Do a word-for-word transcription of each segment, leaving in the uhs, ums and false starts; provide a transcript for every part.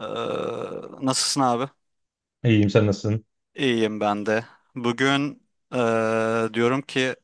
Ee, nasılsın abi? İyiyim, sen nasılsın? İyiyim ben de. Bugün ee, diyorum ki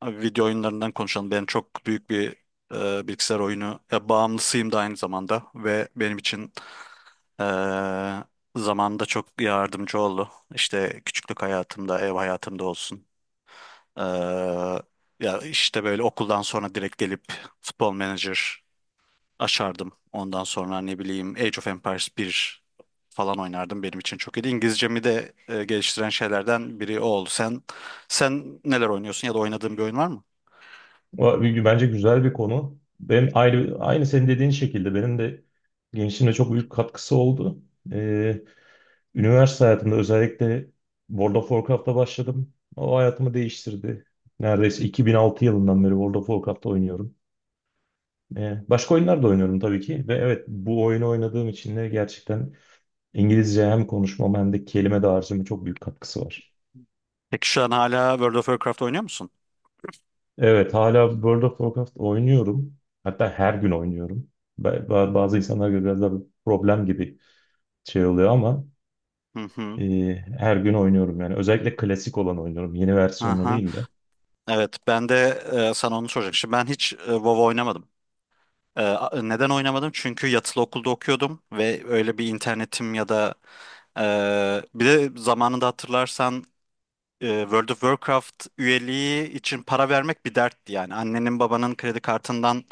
abi video oyunlarından konuşalım. Ben çok büyük bir ee, bilgisayar oyunu ya, bağımlısıyım da aynı zamanda ve benim için ee, zamanında çok yardımcı oldu. İşte küçüklük hayatımda, ev hayatımda olsun. Ee, ya işte böyle okuldan sonra direkt gelip Futbol Manager açardım. Ondan sonra ne bileyim Age of Empires bir falan oynardım. Benim için çok iyiydi. İngilizcemi de e, geliştiren şeylerden biri o oldu. Sen sen neler oynuyorsun ya da oynadığın bir oyun var mı? Va- Bence güzel bir konu. Benim aynı, aynı senin dediğin şekilde benim de gençliğimde çok büyük katkısı oldu. Ee, Üniversite hayatımda özellikle World of Warcraft'ta başladım. O hayatımı değiştirdi. Neredeyse iki bin altı yılından beri World of Warcraft'ta oynuyorum. Ee, başka oyunlar da oynuyorum tabii ki. Ve evet, bu oyunu oynadığım için de gerçekten İngilizce hem konuşmama hem de kelime dağarcığıma çok büyük katkısı var. Peki şu an hala World of Warcraft oynuyor musun? Evet, hala World of Warcraft oynuyorum. Hatta her gün oynuyorum. Ba- ba- Bazı insanlar göre biraz da problem gibi şey oluyor ama Hı hı. e, her gün oynuyorum yani. Özellikle klasik olan oynuyorum. Yeni versiyonunu Aha. değil de. Evet, ben de e, sana onu soracaktım. Şimdi ben hiç e, WoW oynamadım. E, a- neden oynamadım? Çünkü yatılı okulda okuyordum ve öyle bir internetim ya da e, bir de zamanında hatırlarsan e, World of Warcraft üyeliği için para vermek bir dertti yani. Annenin babanın kredi kartından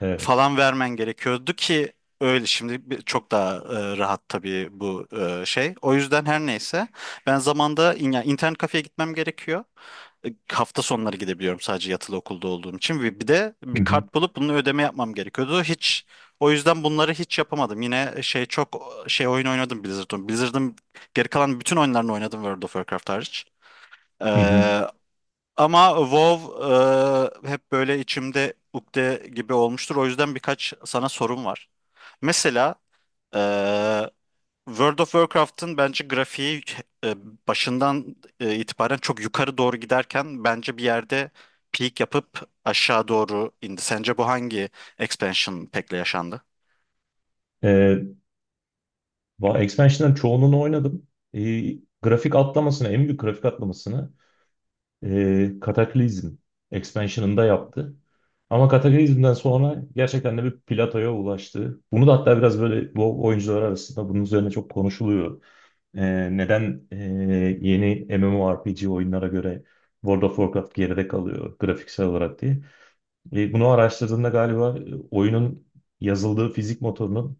Evet. falan vermen gerekiyordu ki öyle şimdi bir- çok daha e, rahat tabii bu e, şey. O yüzden her neyse ben zamanda in- yani internet kafeye gitmem gerekiyor. E, Hafta sonları gidebiliyorum sadece yatılı okulda olduğum için ve bir de Hı bir hı. kart bulup bunun ödeme yapmam gerekiyordu. Hiç o yüzden bunları hiç yapamadım. Yine e, şey çok şey oyun oynadım Blizzard'ın. Blizzard'ın geri kalan bütün oyunlarını oynadım World of Warcraft hariç. Hı hı. Ee, ama WoW e, hep böyle içimde ukde gibi olmuştur. O yüzden birkaç sana sorum var. Mesela e, World of Warcraft'ın bence grafiği e, başından e, itibaren çok yukarı doğru giderken bence bir yerde peak yapıp aşağı doğru indi. Sence bu hangi expansion pack'le yaşandı? E, Va- Expansion'ların çoğunluğunu oynadım. Ee, grafik atlamasını, en büyük grafik atlamasını, e, Cataclysm expansion'ında yaptı. Ama Cataclysm'den sonra gerçekten de bir platoya ulaştı. Bunu da hatta biraz böyle bu oyuncular arasında bunun üzerine çok konuşuluyor. Ee, neden e, yeni MMORPG oyunlara göre World of Warcraft geride kalıyor grafiksel olarak diye. E, bunu araştırdığında galiba e, oyunun yazıldığı fizik motorunun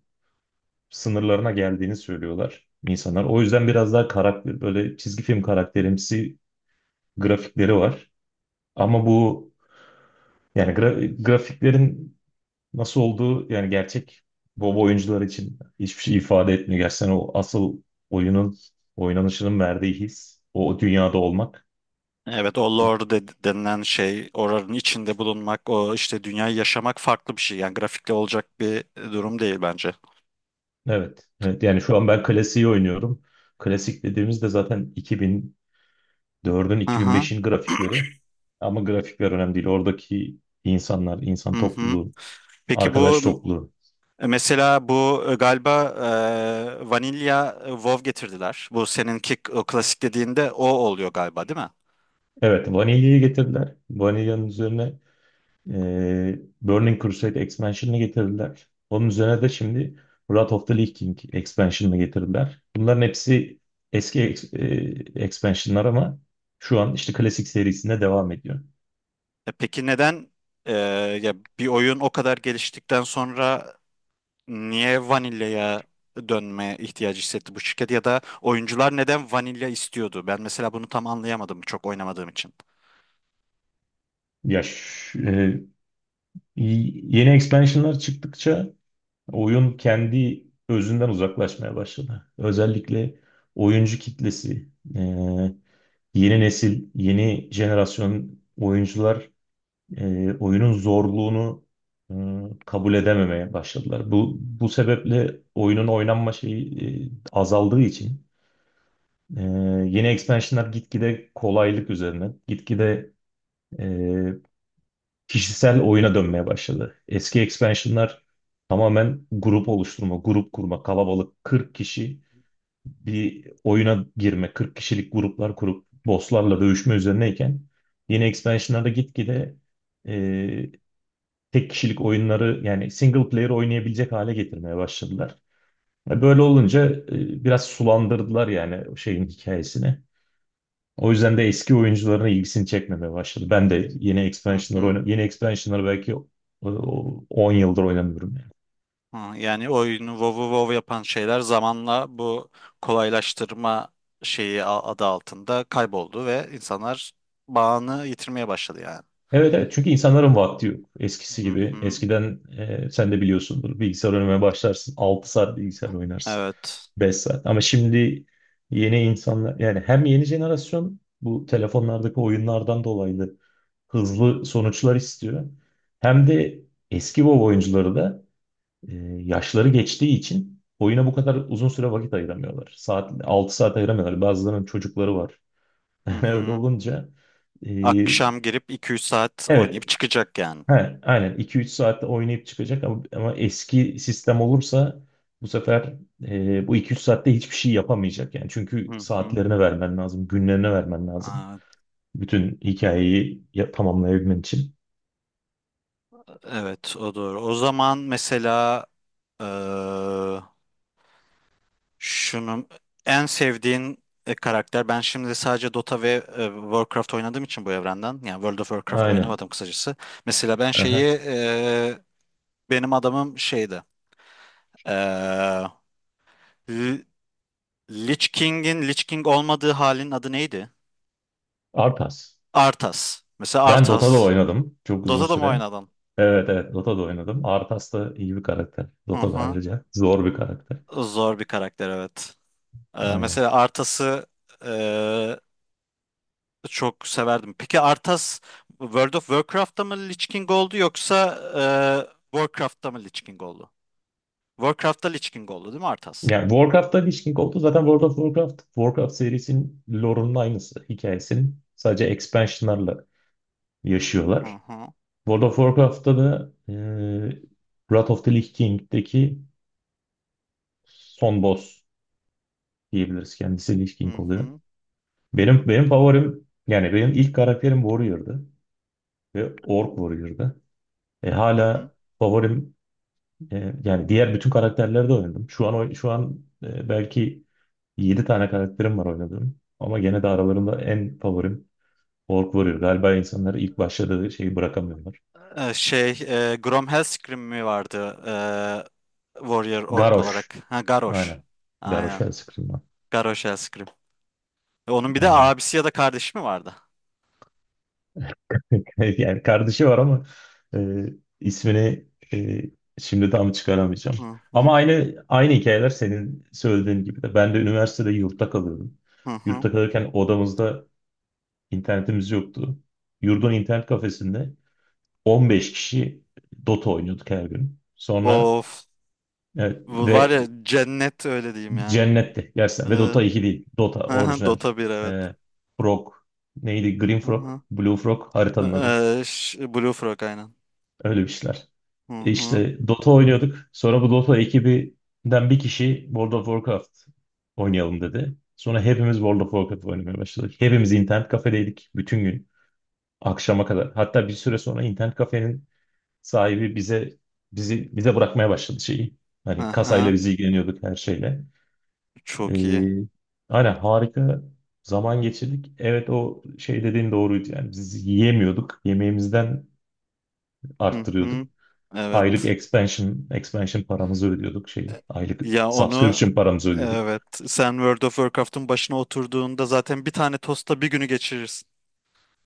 sınırlarına geldiğini söylüyorlar insanlar. O yüzden biraz daha karakter böyle çizgi film karakterimsi grafikleri var. Ama bu yani gra- grafiklerin nasıl olduğu yani gerçek baba oyuncular için hiçbir şey ifade etmiyor. Gerçekten o asıl oyunun oynanışının verdiği his o dünyada olmak. Evet o lore de- denilen şey oranın içinde bulunmak o işte dünyayı yaşamak farklı bir şey yani grafikle olacak bir e, durum değil bence. Evet. Evet yani şu an ben klasiği oynuyorum. Klasik dediğimizde zaten iki bin dördün, Hı hı iki bin beşin grafikleri. Ama grafikler önemli değil. Oradaki insanlar, insan hı hı. topluluğu, Peki bu arkadaş m- topluluğu. mesela bu e, galiba e, vanilya e, WoW getirdiler. Bu seninki k- o klasik dediğinde o oluyor galiba değil mi? Evet, Vanilla'yı getirdiler. Vanilla'nın üzerine e, Burning Crusade expansion'ını getirdiler. Onun üzerine de şimdi Wrath of the Lich King expansion'ını getirdiler. Bunların hepsi eski ex- e, expansion'lar ama şu an işte klasik serisinde devam ediyor. E peki neden e, ya bir oyun o kadar geliştikten sonra niye vanilyaya dönme ihtiyacı hissetti bu şirket ya da oyuncular neden vanilya istiyordu? Ben mesela bunu tam anlayamadım çok oynamadığım için. Ya ş- e, y- yeni expansion'lar çıktıkça oyun kendi özünden uzaklaşmaya başladı. Özellikle oyuncu kitlesi, e, yeni nesil, yeni jenerasyon oyuncular e, oyunun zorluğunu e, kabul edememeye başladılar. Bu bu sebeple oyunun oynanma şeyi e, azaldığı için, e, yeni expansionlar gitgide kolaylık üzerine, gitgide e, kişisel oyuna dönmeye başladı. Eski expansionlar tamamen grup oluşturma, grup kurma, kalabalık kırk kişi bir oyuna girme, kırk kişilik gruplar kurup bosslarla dövüşme üzerineyken yeni expansionlarda gitgide e, tek kişilik oyunları yani single player oynayabilecek hale getirmeye başladılar. E, Böyle olunca e, biraz sulandırdılar yani şeyin hikayesini. O yüzden de eski oyuncuların ilgisini çekmemeye başladı. Ben de yeni Hı expansion'ları hı. oynadım. Yeni expansion'ları belki e, on yıldır oynamıyorum yani. Ha, yani oyunu WoW'u WoW yapan şeyler zamanla bu kolaylaştırma şeyi a- adı altında kayboldu ve insanlar bağını yitirmeye başladı yani. Evet, evet, çünkü insanların vakti yok. Eskisi Hı gibi. hı. Eskiden e, sen de biliyorsundur, bilgisayar oynamaya başlarsın. Altı saat bilgisayar oynarsın. Evet. Beş saat. Ama şimdi yeni insanlar yani, hem yeni jenerasyon bu telefonlardaki oyunlardan dolayı da hızlı sonuçlar istiyor. Hem de eski WoW oyuncuları da E, yaşları geçtiği için oyuna bu kadar uzun süre vakit ayıramıyorlar. Saat altı saat ayıramıyorlar. Bazılarının çocukları var. Hı Öyle hı. olunca e, Akşam girip iki üç saat evet, oynayıp çıkacak yani. he, aynen iki üç saatte oynayıp çıkacak ama, ama eski sistem olursa bu sefer e, bu iki üç saatte hiçbir şey yapamayacak yani. Çünkü Hı hı. saatlerine vermen lazım, günlerine vermen lazım. Aa, Bütün hikayeyi ya- tamamlayabilmen için. evet o doğru. O zaman mesela eee şunu en sevdiğin e, karakter. Ben şimdi sadece Dota ve e, Warcraft oynadığım için bu evrenden. Yani World of Warcraft Aynen. oynamadım kısacası. Mesela ben şeyi Aha. e, benim adamım şeydi. Eee L- Lich King'in Lich King olmadığı halin adı neydi? Arpas. Arthas. Mesela Ben Dota'da Arthas. oynadım çok uzun Dota'da mı süre. oynadın? Evet, evet, Dota'da oynadım. Arthas da iyi bir karakter. Hı Dota da hı. ayrıca zor bir karakter. Zor bir karakter evet. Ee, Aynen. mesela Arthas'ı e, çok severdim. Peki Arthas World of Warcraft'ta mı Lich King oldu yoksa e, Warcraft'ta mı Lich King oldu? Warcraft'ta Lich King oldu değil mi Arthas? Yani Warcraft'ta Lich King oldu. Zaten World of Warcraft, Warcraft serisinin lore'unun aynısı. Hikayesinin sadece expansion'larla Hı yaşıyorlar. hı. World of Warcraft'ta da e, Wrath of the Lich King'deki son boss diyebiliriz. Kendisi Lich King Hı oluyor. hı. Benim benim favorim yani, benim ilk karakterim Warrior'dı ve Orc Warrior'dı. E, Hı hı. Hala favorim. E, yani diğer bütün karakterleri de oynadım. Şu an oy- şu an e, belki yedi tane karakterim var oynadığım. Ama gene de aralarında en favorim Orc Warrior. Galiba insanları ilk başladığı şeyi bırakamıyorlar. Ee, şey e, Grom Hellscream mi vardı e, Warrior Orc Garrosh. olarak? Ha Garrosh. Aynen. Garrosh Aynen. Hellscream var. Garrosh Hellscream. E, Onun bir de Aynen. abisi ya da kardeşi mi vardı? Yani kardeşi var ama e, ismini e, şimdi tam çıkaramayacağım. Hı hı. Ama aynı aynı hikayeler senin söylediğin gibi de. Ben de üniversitede yurtta kalıyordum. Hı hı. Yurtta kalırken odamızda İnternetimiz yoktu. Yurdun internet kafesinde on beş kişi Dota oynuyorduk her gün. Sonra Of. evet, Bu var ve ya cennet öyle diyeyim yani. cennette gerçekten, ve Evet. Dota iki değil. Dota orijinal. Dota bir evet. Ee, Frog neydi? Green Hı Frog, hı. Blue Frog haritanın adı. Ee, ş- Blue Frog aynen. Öyle bir şeyler. Hı E hı. İşte Dota oynuyorduk. Sonra bu Dota ekibinden bir kişi World of Warcraft oynayalım dedi. Sonra hepimiz World of Warcraft oynamaya başladık. Hepimiz internet kafedeydik bütün gün akşama kadar. Hatta bir süre sonra internet kafenin sahibi bize bizi bize bırakmaya başladı şeyi. Hani kasayla Hı bizi ilgileniyorduk her şeyle. Çok iyi. Ee, aynen, harika zaman geçirdik. Evet, o şey dediğin doğruydu yani, biz yiyemiyorduk. Yemeğimizden Hı arttırıyorduk. hı. Aylık Evet. expansion expansion paramızı ödüyorduk şey. E, Aylık Ya onu subscription paramızı ödüyorduk. evet sen World of Warcraft'ın başına oturduğunda zaten bir tane tosta bir günü geçirirsin.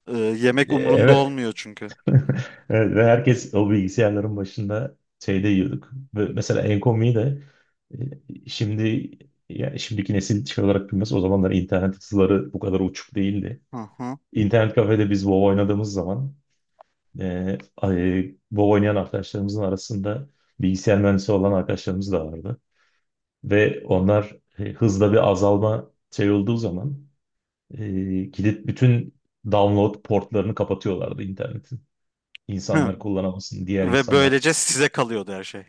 Ee, yemek Ee, umrunda Evet. olmuyor çünkü. Evet, ve herkes o bilgisayarların başında şeyde yiyorduk. Ve mesela Enkomy'yi de e, şimdi yani şimdiki nesil şey olarak bilmez. O zamanlar internet hızları bu kadar uçuk değildi. Hı hı. İnternet kafede biz WoW oynadığımız zaman, e, ay- WoW oynayan arkadaşlarımızın arasında bilgisayar mühendisi olan arkadaşlarımız da vardı. Ve onlar e, hızla bir azalma şey olduğu zaman, e, gidip bütün download portlarını kapatıyorlardı internetin. Hı. İnsanlar kullanamasın, diğer Ve insanlar. böylece size kalıyordu her şey.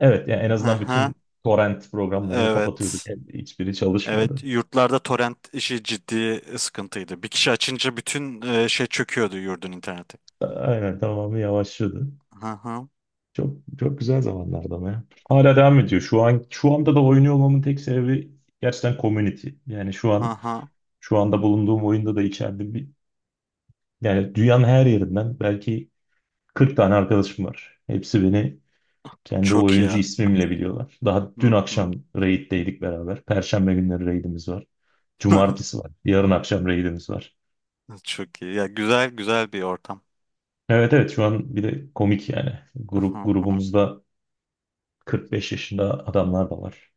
Evet, yani en Hı azından hı. bütün torrent programlarını kapatıyorduk. Evet. Yani hiçbiri çalışmıyordu. Evet, yurtlarda torrent işi ciddi sıkıntıydı. Bir kişi açınca bütün e, şey çöküyordu yurdun interneti. Aynen, tamamı yavaşlıyordu. Hı hı Çok çok güzel zamanlardı ama ya. Hala devam ediyor. Şu an şu anda da oynuyor olmamın tek sebebi gerçekten community. Yani şu hı an hı. şu anda bulunduğum oyunda da içeride bir yani dünyanın her yerinden belki kırk tane arkadaşım var. Hepsi beni kendi Çok iyi. oyuncu Ya. ismimle biliyorlar. Daha dün Hı hı. akşam raid'deydik beraber. Perşembe günleri raid'imiz var. Cumartesi var. Yarın akşam raid'imiz var. Çok iyi. Ya güzel güzel bir ortam. Evet, evet, şu an bir de komik yani. Hı Grup hı. Grubumuzda kırk beş yaşında adamlar da var.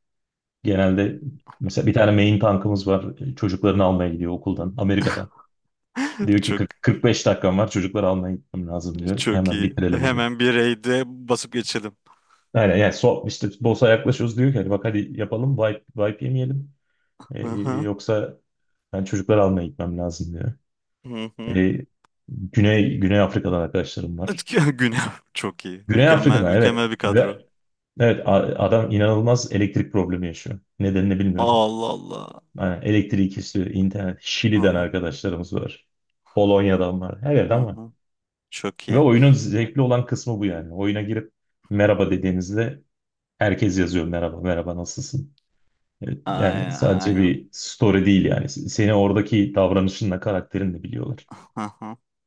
Genelde mesela bir tane main tankımız var. E, Çocuklarını almaya gidiyor okuldan Amerika'da. Diyor ki Çok kırk, kırk beş dakikam var, çocukları almaya gitmem lazım diyor. çok Hemen iyi. bitirelim diyor. Hemen bir raid'e basıp geçelim. Aynen yani so, işte B O S'a yaklaşıyoruz, diyor ki hadi bak, hadi yapalım, wipe, wipe yemeyelim. Ee, Hı hı. Yoksa ben çocukları almaya gitmem lazım diyor. Hı hı. Ee, Güney, Güney Afrika'dan arkadaşlarım var. Güne çok iyi. Güney Mükemmel Afrika'dan evet. mükemmel bir kadro. Ve evet, a- adam inanılmaz elektrik problemi yaşıyor. Nedenini bilmiyorum. Allah Allah. Aynen, elektriği kesiyor. İnternet. Hı Şili'den hı. arkadaşlarımız var. Polonya'dan var. Her Hı yerden var. hı. Çok Ve iyi. oyunun zevkli olan kısmı bu yani. Oyuna girip merhaba dediğinizde, herkes yazıyor: merhaba, merhaba, nasılsın? Evet, yani Ay- sadece Aynen. bir story değil yani. Seni oradaki davranışınla, karakterinle biliyorlar.